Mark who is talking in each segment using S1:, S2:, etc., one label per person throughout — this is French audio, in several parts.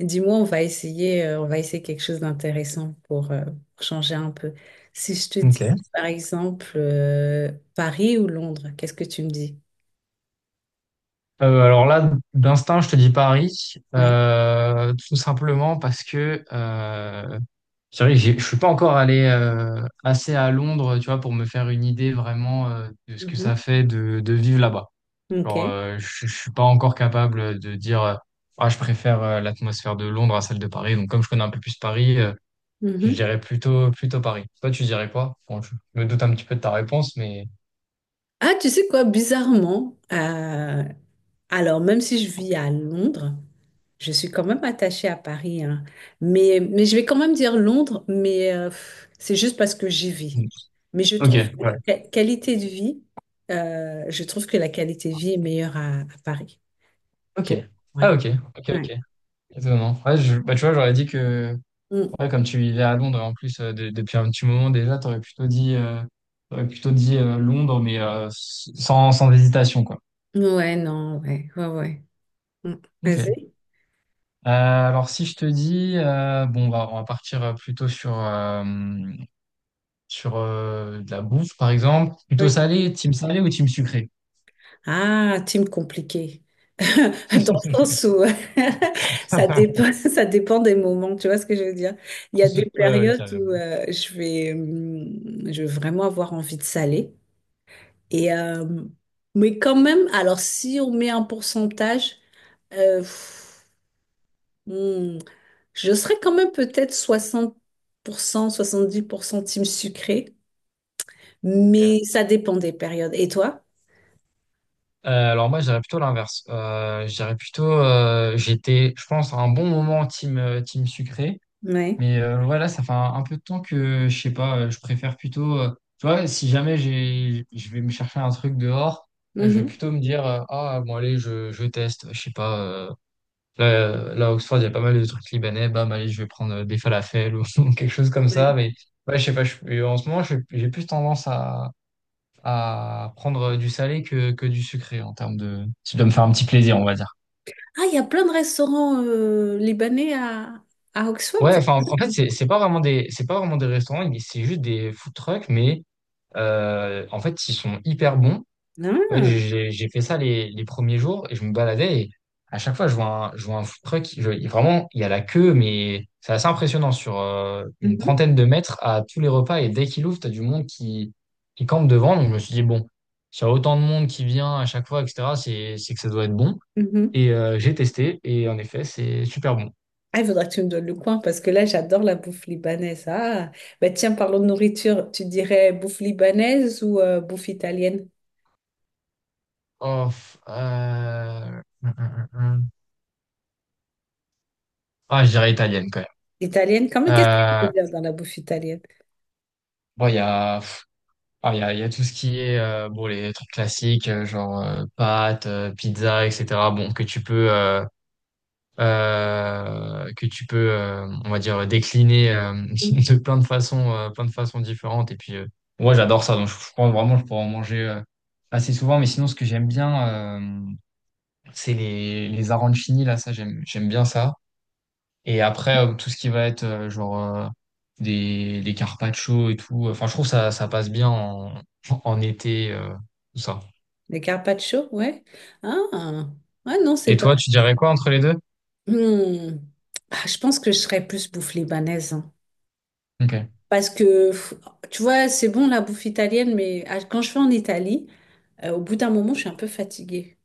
S1: Dis-moi, on va essayer quelque chose d'intéressant pour changer un peu. Si je te dis,
S2: Ok.
S1: par exemple, Paris ou Londres, qu'est-ce que tu me dis?
S2: Alors là, d'instinct, je te dis Paris,
S1: Ouais.
S2: tout simplement parce que c'est vrai que je suis pas encore allé assez à Londres, tu vois, pour me faire une idée vraiment de ce que
S1: Mhm.
S2: ça fait de vivre là-bas. Genre,
S1: Ok.
S2: je suis pas encore capable de dire, ah, je préfère l'atmosphère de Londres à celle de Paris. Donc, comme je connais un peu plus Paris, je
S1: Mhm.
S2: dirais plutôt Paris. Toi, tu dirais quoi? Bon, je me doute un petit peu de ta réponse, mais
S1: Ah, tu sais quoi, bizarrement, alors même si je vis à Londres, je suis quand même attachée à Paris, hein. Mais je vais quand même dire Londres, mais c'est juste parce que j'y vis. Mais je
S2: ok.
S1: trouve que
S2: Ouais,
S1: la qualité de vie, je trouve que la qualité de vie est meilleure à Paris.
S2: ok,
S1: Pour... Ouais.
S2: ah ok, ok,
S1: Ouais.
S2: ok. Étonnant. Ouais, bah, tu vois, j'aurais dit que,
S1: Mm.
S2: ouais, comme tu vivais à Londres, en plus, depuis un petit moment déjà, t'aurais plutôt dit Londres, mais sans, sans hésitation, quoi.
S1: Ouais, non, ouais, ouais, ouais. Mm.
S2: Ok.
S1: Vas-y.
S2: Alors, si je te dis, bon, bah, on va partir plutôt sur, sur de la bouffe, par exemple. Plutôt
S1: Oui.
S2: salé, team salé ou team sucré?
S1: Ah, team compliqué. Dans le sens où ça dépend, ça dépend des moments, tu vois ce que je veux dire? Il y a des
S2: Ouais, ouais,
S1: périodes où
S2: carrément.
S1: euh, je vais vraiment avoir envie de saler. Et, mais quand même, alors si on met un pourcentage, euh, pff, hum, je serais quand même peut-être soixante-dix pour cent team sucré.
S2: Ok.
S1: Mais ça dépend des périodes. Et toi?
S2: Alors moi, je dirais plutôt l'inverse. Je dirais plutôt, j'étais, je pense, à un bon moment team, team sucré.
S1: Ouais.
S2: Mais ouais, ça fait un peu de temps que, je sais pas, je préfère plutôt, tu vois, si jamais j'ai, je vais me chercher un truc dehors, je vais
S1: Mhm.
S2: plutôt me dire, ah, bon, allez, je teste, je sais pas, là, à Oxford, il y a pas mal de trucs libanais, bam, allez, je vais prendre des falafels ou quelque chose comme ça,
S1: Ouais.
S2: mais ouais, je sais pas, en ce moment, j'ai plus tendance à prendre du salé que du sucré en termes de, si je dois me faire un petit plaisir, on va dire.
S1: Ah, il y a plein de restaurants libanais à Oxford.
S2: Ouais, enfin,
S1: Ah,
S2: en fait, c'est pas vraiment des, c'est pas vraiment des restaurants, mais c'est juste des food trucks, mais en fait, ils sont hyper bons. En fait, j'ai fait ça les premiers jours et je me baladais et à chaque fois, je vois je vois un food truck. Vraiment, il y a la queue, mais c'est assez impressionnant sur une
S1: Mhm.
S2: trentaine de mètres à tous les repas. Et dès qu'il ouvre, tu as du monde qui campe devant. Donc, je me suis dit, bon, s'il y a autant de monde qui vient à chaque fois, etc., c'est que ça doit être bon.
S1: Mhm.
S2: Et j'ai testé et en effet, c'est super bon.
S1: Ah, il faudra que tu me donnes le coin parce que là, j'adore la bouffe libanaise. Ah, bah tiens, parlons de nourriture. Tu dirais bouffe libanaise ou bouffe italienne?
S2: Oh, Ah, je dirais italienne quand même.
S1: Italienne, quand même, qu'est-ce que tu veux
S2: Euh,
S1: dire dans la bouffe italienne?
S2: bon, il y a. Ah, il y a tout ce qui est bon les trucs classiques genre pâtes, pizza, etc. Bon que tu peux on va dire décliner
S1: Mm.
S2: de plein de façons différentes et puis moi j'adore ça donc je pense vraiment je pourrais en manger assez souvent mais sinon ce que j'aime bien c'est les arancini là ça j'aime bien ça. Et après, tout ce qui va être des carpaccio et tout, enfin, je trouve ça passe bien en, en été, tout ça.
S1: Les carpaccio, ouais. Ah, ah non,
S2: Et
S1: c'est pas.
S2: toi, tu dirais quoi entre les deux?
S1: Hmm. Ah, je pense que je serais plus bouffe libanaise, hein.
S2: Ok.
S1: Parce que, tu vois, c'est bon la bouffe italienne, mais quand je vais en Italie, au bout d'un moment, je suis un peu fatiguée.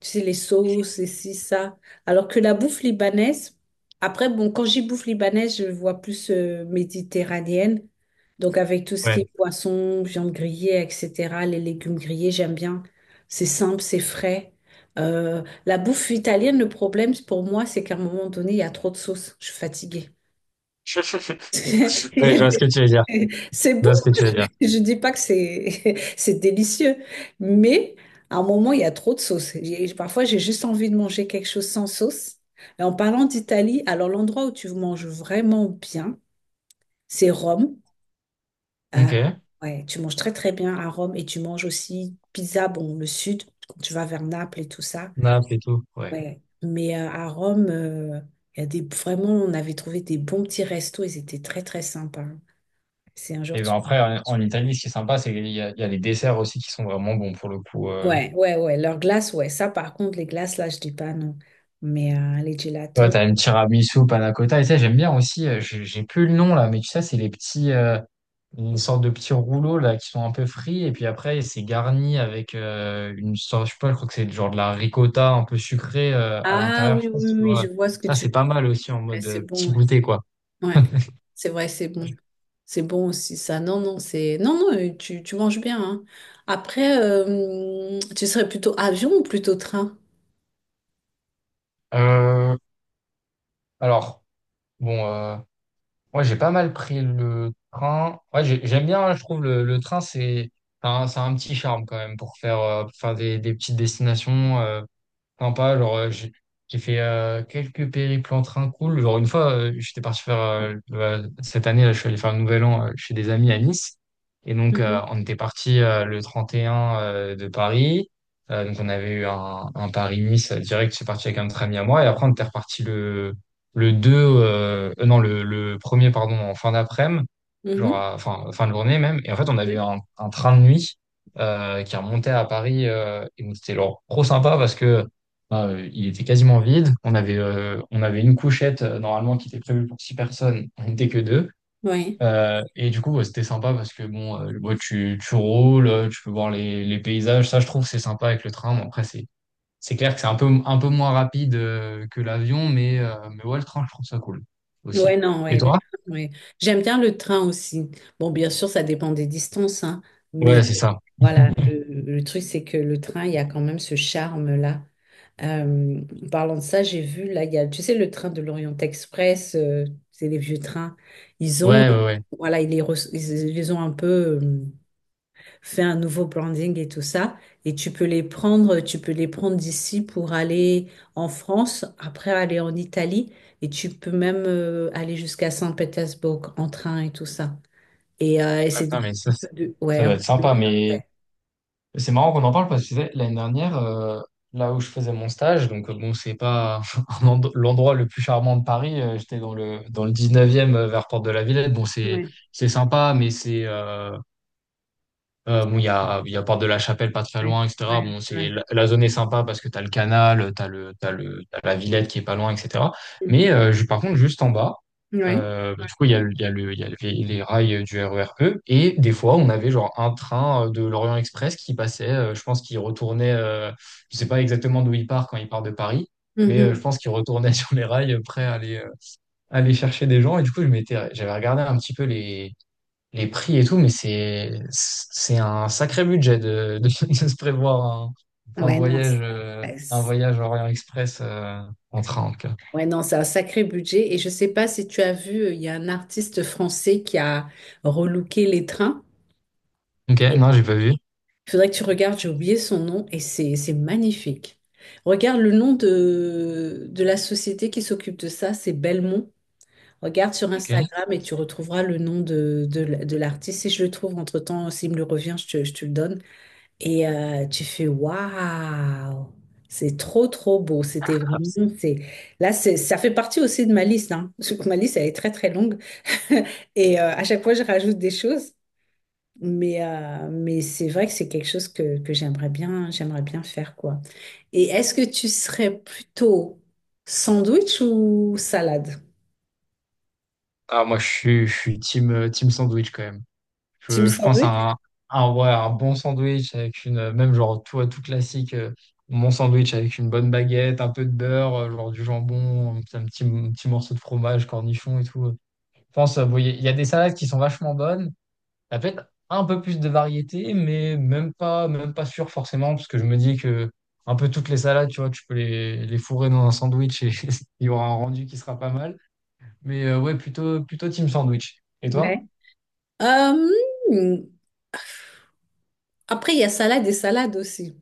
S1: Tu sais, les sauces et ci, ça. Alors que la bouffe libanaise, après, bon, quand j'y bouffe libanaise, je vois plus méditerranéenne. Donc, avec tout ce qui
S2: Ouais.
S1: est poisson, viande grillée, etc., les légumes grillés, j'aime bien. C'est simple, c'est frais. La bouffe italienne, le problème pour moi, c'est qu'à un moment donné, il y a trop de sauce. Je suis fatiguée.
S2: Ouais, je vois ce que tu veux dire.
S1: C'est
S2: Je
S1: bon,
S2: vois ce que tu veux dire.
S1: je dis pas que c'est c'est délicieux, mais à un moment, il y a trop de sauce. Parfois, j'ai juste envie de manger quelque chose sans sauce. Et en parlant d'Italie, alors l'endroit où tu manges vraiment bien, c'est Rome. Euh,
S2: Ok.
S1: ouais, tu manges très très bien à Rome et tu manges aussi pizza, bon, le sud, quand tu vas vers Naples et tout ça.
S2: Naples et tout. Ouais.
S1: Ouais. Mais à Rome, il y a des, vraiment, on avait trouvé des bons petits restos, ils étaient très très sympas. Si un jour
S2: Et ben après, en Italie, ce qui est sympa, c'est qu'il y a, il y a les desserts aussi qui sont vraiment bons pour le coup.
S1: Ouais, ouais, ouais. Leurs glaces, ouais. Ça, par contre, les glaces, là, je dis pas non. Mais les
S2: Ouais,
S1: gelatos.
S2: t'as une tiramisu, panna cotta. Et ça, j'aime bien aussi. J'ai plus le nom là, mais tu sais, c'est les petits. Une sorte de petits rouleaux là qui sont un peu frits et puis après c'est garni avec une sorte je sais pas je crois que c'est genre de la ricotta un peu sucrée à
S1: Ah
S2: l'intérieur je
S1: oui,
S2: sais
S1: oui,
S2: pas si
S1: oui,
S2: tu
S1: oui,
S2: vois
S1: je vois ce que
S2: ça
S1: tu
S2: c'est
S1: veux.
S2: pas mal aussi en
S1: Ouais,
S2: mode
S1: c'est bon.
S2: petit
S1: Ouais,
S2: goûter quoi.
S1: Ouais. C'est vrai, c'est bon. C'est bon aussi, ça. Non, non, c'est. Non, non, tu manges bien, hein. Après, tu serais plutôt avion ou plutôt train?
S2: Euh, alors bon euh, Moi j'ai pas mal pris le train ouais j'aime bien hein, je trouve le train c'est c'est un petit charme quand même pour faire des petites destinations. Sympa, genre, j'ai fait quelques périples en train cool. Genre, une fois, j'étais parti faire, cette année, là, je suis allé faire le Nouvel An chez des amis à Nice. Et donc,
S1: Mhm.
S2: on était parti le 31 de Paris. Donc, on avait eu un Paris-Nice direct. Je suis parti avec un autre ami à moi. Et après, on était reparti le 2 non, le 1er pardon, en fin d'après-midi, genre,
S1: Mhm.
S2: enfin, fin de journée même. Et en fait, on avait eu
S1: Oui.
S2: un train de nuit qui remontait à Paris. Et donc, c'était genre, trop sympa parce que bah, il était quasiment vide. On avait une couchette normalement qui était prévue pour 6 personnes. On n'était que 2.
S1: Ouais.
S2: Et du coup, ouais, c'était sympa parce que bon, ouais, tu roules, tu peux voir les paysages. Ça, je trouve, c'est sympa avec le train. Bon, après, c'est clair que c'est un peu moins rapide que l'avion, mais ouais, le train, je trouve ça cool
S1: Ouais,
S2: aussi.
S1: non,
S2: Et
S1: ouais, le
S2: toi?
S1: train, ouais. J'aime bien le train aussi. Bon, bien sûr, ça dépend des distances, hein, mais
S2: Ouais, c'est ça.
S1: voilà, le truc, c'est que le train, il y a quand même ce charme-là. En parlant de ça, j'ai vu, là, il y a, tu sais, le train de l'Orient Express, c'est les vieux trains. Ils ont,
S2: Ouais, ouais, ouais.
S1: voilà, ils les, re- ils, ont un peu euh, fait un nouveau branding et tout ça. Et tu peux les prendre d'ici pour aller en France, après aller en Italie. Et tu peux même aller jusqu'à Saint-Pétersbourg en train et tout ça. Et
S2: Ah,
S1: c'est un
S2: putain, mais ça,
S1: peu de... Ouais,
S2: ça va être sympa. Mais c'est marrant qu'on en parle parce que tu sais, l'année dernière, là où je faisais mon stage, donc bon, c'est pas l'endroit le plus charmant de Paris, j'étais dans dans le 19e vers Porte de la Villette. Bon,
S1: ouais.
S2: c'est sympa, mais c'est bon, il y a Porte de la Chapelle pas très
S1: Ouais,
S2: loin, etc.
S1: ouais,
S2: Bon,
S1: ouais.
S2: la zone est sympa parce que t'as le canal, t'as la Villette qui est pas loin, etc.
S1: Mhm.
S2: Mais par contre, juste en bas,
S1: Ouais.
S2: bah, du coup, il y a, il y a les rails du RER E. Et des fois, on avait genre un train de l'Orient Express qui passait, je pense qu'il retournait, je sais pas exactement d'où il part quand il part de Paris, mais je
S1: Mhm.
S2: pense qu'il retournait sur les rails prêt à aller, aller chercher des gens. Et du coup, j'avais regardé un petit peu les prix et tout, mais c'est un sacré budget de, de se prévoir
S1: Ouais, non. Ouais,
S2: un voyage Orient Express en train. En tout cas.
S1: ouais, non, c'est un sacré budget. Et je sais pas si tu as vu, il y a un artiste français qui a relooké les trains.
S2: Ok,
S1: Il
S2: non, j'ai pas vu.
S1: faudrait que tu regardes, j'ai oublié son nom et c'est magnifique. Regarde le nom de la société qui s'occupe de ça, c'est Belmont. Regarde sur
S2: Ok.
S1: Instagram et tu retrouveras le nom de l'artiste. Si je le trouve entre-temps, s'il me le revient, je te le donne. Et tu fais waouh, c'est trop trop beau. C'était vraiment c'est là c'est ça fait partie aussi de ma liste, hein. Parce que ma liste elle est très très longue et à chaque fois je rajoute des choses. Mais c'est vrai que c'est quelque chose que j'aimerais bien faire quoi. Et est-ce que tu serais plutôt sandwich ou salade?
S2: Ah, moi, je suis team team sandwich quand même.
S1: Team
S2: Je pense
S1: sandwich?
S2: à ouais, un bon sandwich avec une même genre tout classique. Mon sandwich avec une bonne baguette, un peu de beurre, genre du jambon, un petit morceau de fromage, cornichon et tout. Je pense, bon, il y a des salades qui sont vachement bonnes, la fête, un peu plus de variété, mais même pas sûr forcément, parce que je me dis que un peu toutes les salades, tu vois, tu peux les fourrer dans un sandwich et il y aura un rendu qui sera pas mal. Mais ouais, plutôt team sandwich. Et
S1: Ouais.
S2: toi?
S1: Euh, hmm, après il y a salade et salade aussi.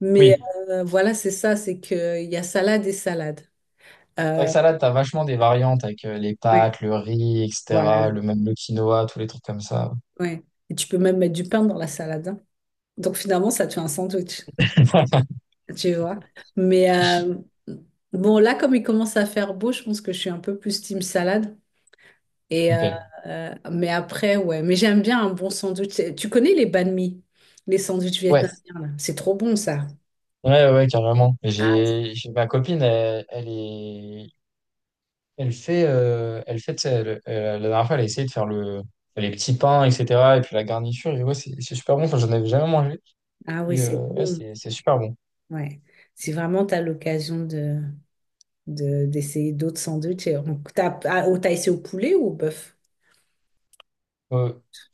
S1: Mais
S2: Oui.
S1: euh, voilà, c'est ça, c'est que il y a salade et salade.
S2: C'est vrai que
S1: Euh,
S2: salade, t'as vachement des variantes avec les
S1: Ouais,
S2: pâtes, le riz,
S1: voilà.
S2: etc., le même le quinoa, tous les trucs comme ça.
S1: Ouais. Et tu peux même mettre du pain dans la salade, hein. Donc finalement, ça te fait un sandwich, tu vois. Mais bon, là, comme il commence à faire beau, je pense que je suis un peu plus team salade. Et euh,
S2: Ok.
S1: mais après, ouais. Mais j'aime bien un bon sandwich. Tu connais les banh mi, les sandwichs
S2: Ouais,
S1: vietnamiens, là. C'est trop bon, ça.
S2: ouais, ouais, carrément. Ma copine, elle est elle fait, tu sais, la dernière fois, elle a essayé de faire les petits pains, etc. Et puis la garniture, et ouais, c'est super bon. Enfin, j'en avais jamais mangé.
S1: Ah oui,
S2: Et
S1: c'est
S2: ouais,
S1: bon.
S2: c'est super bon.
S1: Ouais. Si vraiment tu as l'occasion de... d'essayer d'autres sandwichs. Et on tape, ah, oh, t'as essayé au poulet ou au bœuf?
S2: Euh,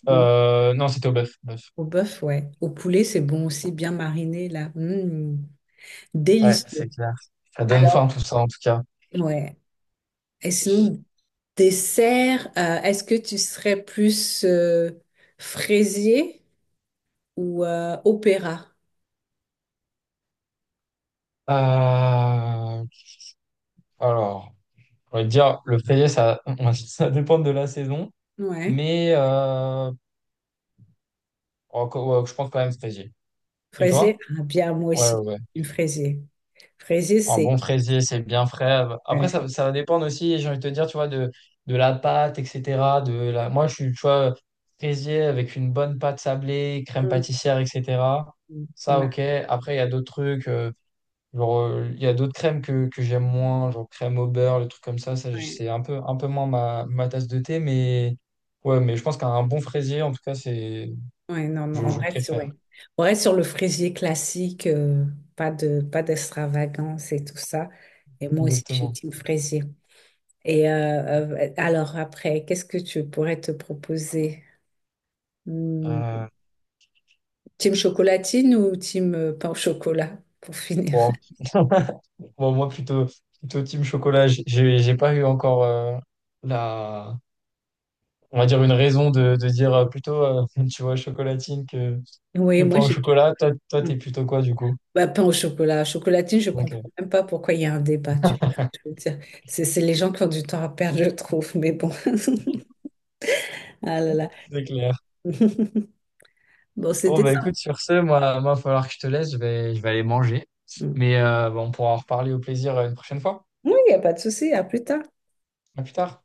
S1: Au,
S2: non, c'était au bœuf. Bœuf.
S1: au bœuf, ouais. Au poulet, c'est bon aussi, bien mariné, là. Mm,
S2: Ouais,
S1: délicieux.
S2: c'est clair. Ça donne faim,
S1: Alors,
S2: tout ça, en tout cas.
S1: ouais. Et sinon, dessert, est-ce que tu serais plus fraisier ou opéra?
S2: Euh, alors, on va dire, le feuillet, ça, ça dépend de la saison.
S1: Ouais.
S2: Mais ouais, je pense quand même fraisier. Et
S1: Fraisier,
S2: toi?
S1: ah, bien, moi
S2: Ouais,
S1: aussi,
S2: ouais.
S1: une fraisier. Fraisier,
S2: Un bon fraisier, c'est bien frais. Après, ça,
S1: ouais.
S2: ça va dépendre aussi, j'ai envie de te dire, tu vois, de la pâte, etc. De la... Moi, je suis, tu vois, fraisier avec une bonne pâte sablée, crème
S1: Mm,
S2: pâtissière, etc.
S1: mm,
S2: Ça,
S1: ouais,
S2: ok. Après, il y a d'autres trucs, il y a d'autres crèmes que j'aime moins, genre crème au beurre, le truc comme ça. Ça,
S1: ouais.
S2: c'est un peu moins ma tasse de thé, mais ouais, mais je pense qu'un bon fraisier, en tout cas, c'est,
S1: Ouais, non, non, on
S2: je
S1: reste sur,
S2: préfère.
S1: ouais. On reste sur le fraisier classique, pas d'extravagance et tout ça. Et moi aussi, je suis
S2: Exactement.
S1: team fraisier. Alors après, qu'est-ce que tu pourrais te proposer? Hmm,
S2: Euh,
S1: Team chocolatine ou team pain au chocolat, pour finir?
S2: bon. Bon, moi, plutôt team chocolat. J'ai pas eu encore la, on va dire une raison de dire tu vois, chocolatine que
S1: Oui,
S2: pain
S1: moi,
S2: au
S1: j'ai...
S2: chocolat. Toi,
S1: Hmm.
S2: t'es plutôt quoi, du coup?
S1: Bah, pain au chocolat. Chocolatine, je
S2: Ok,
S1: comprends même pas pourquoi il y a un débat, tu vois. Je veux dire, c'est les gens qui ont du temps à perdre, je trouve, mais bon. Ah là là.
S2: c'est clair.
S1: Bon,
S2: Bon,
S1: c'était
S2: bah écoute,
S1: ça.
S2: sur ce, moi, il va falloir que je te laisse. Je vais aller manger. Mais bah, on pourra en reparler au plaisir une prochaine fois.
S1: Non, il n'y a pas de souci. À plus tard.
S2: À plus tard.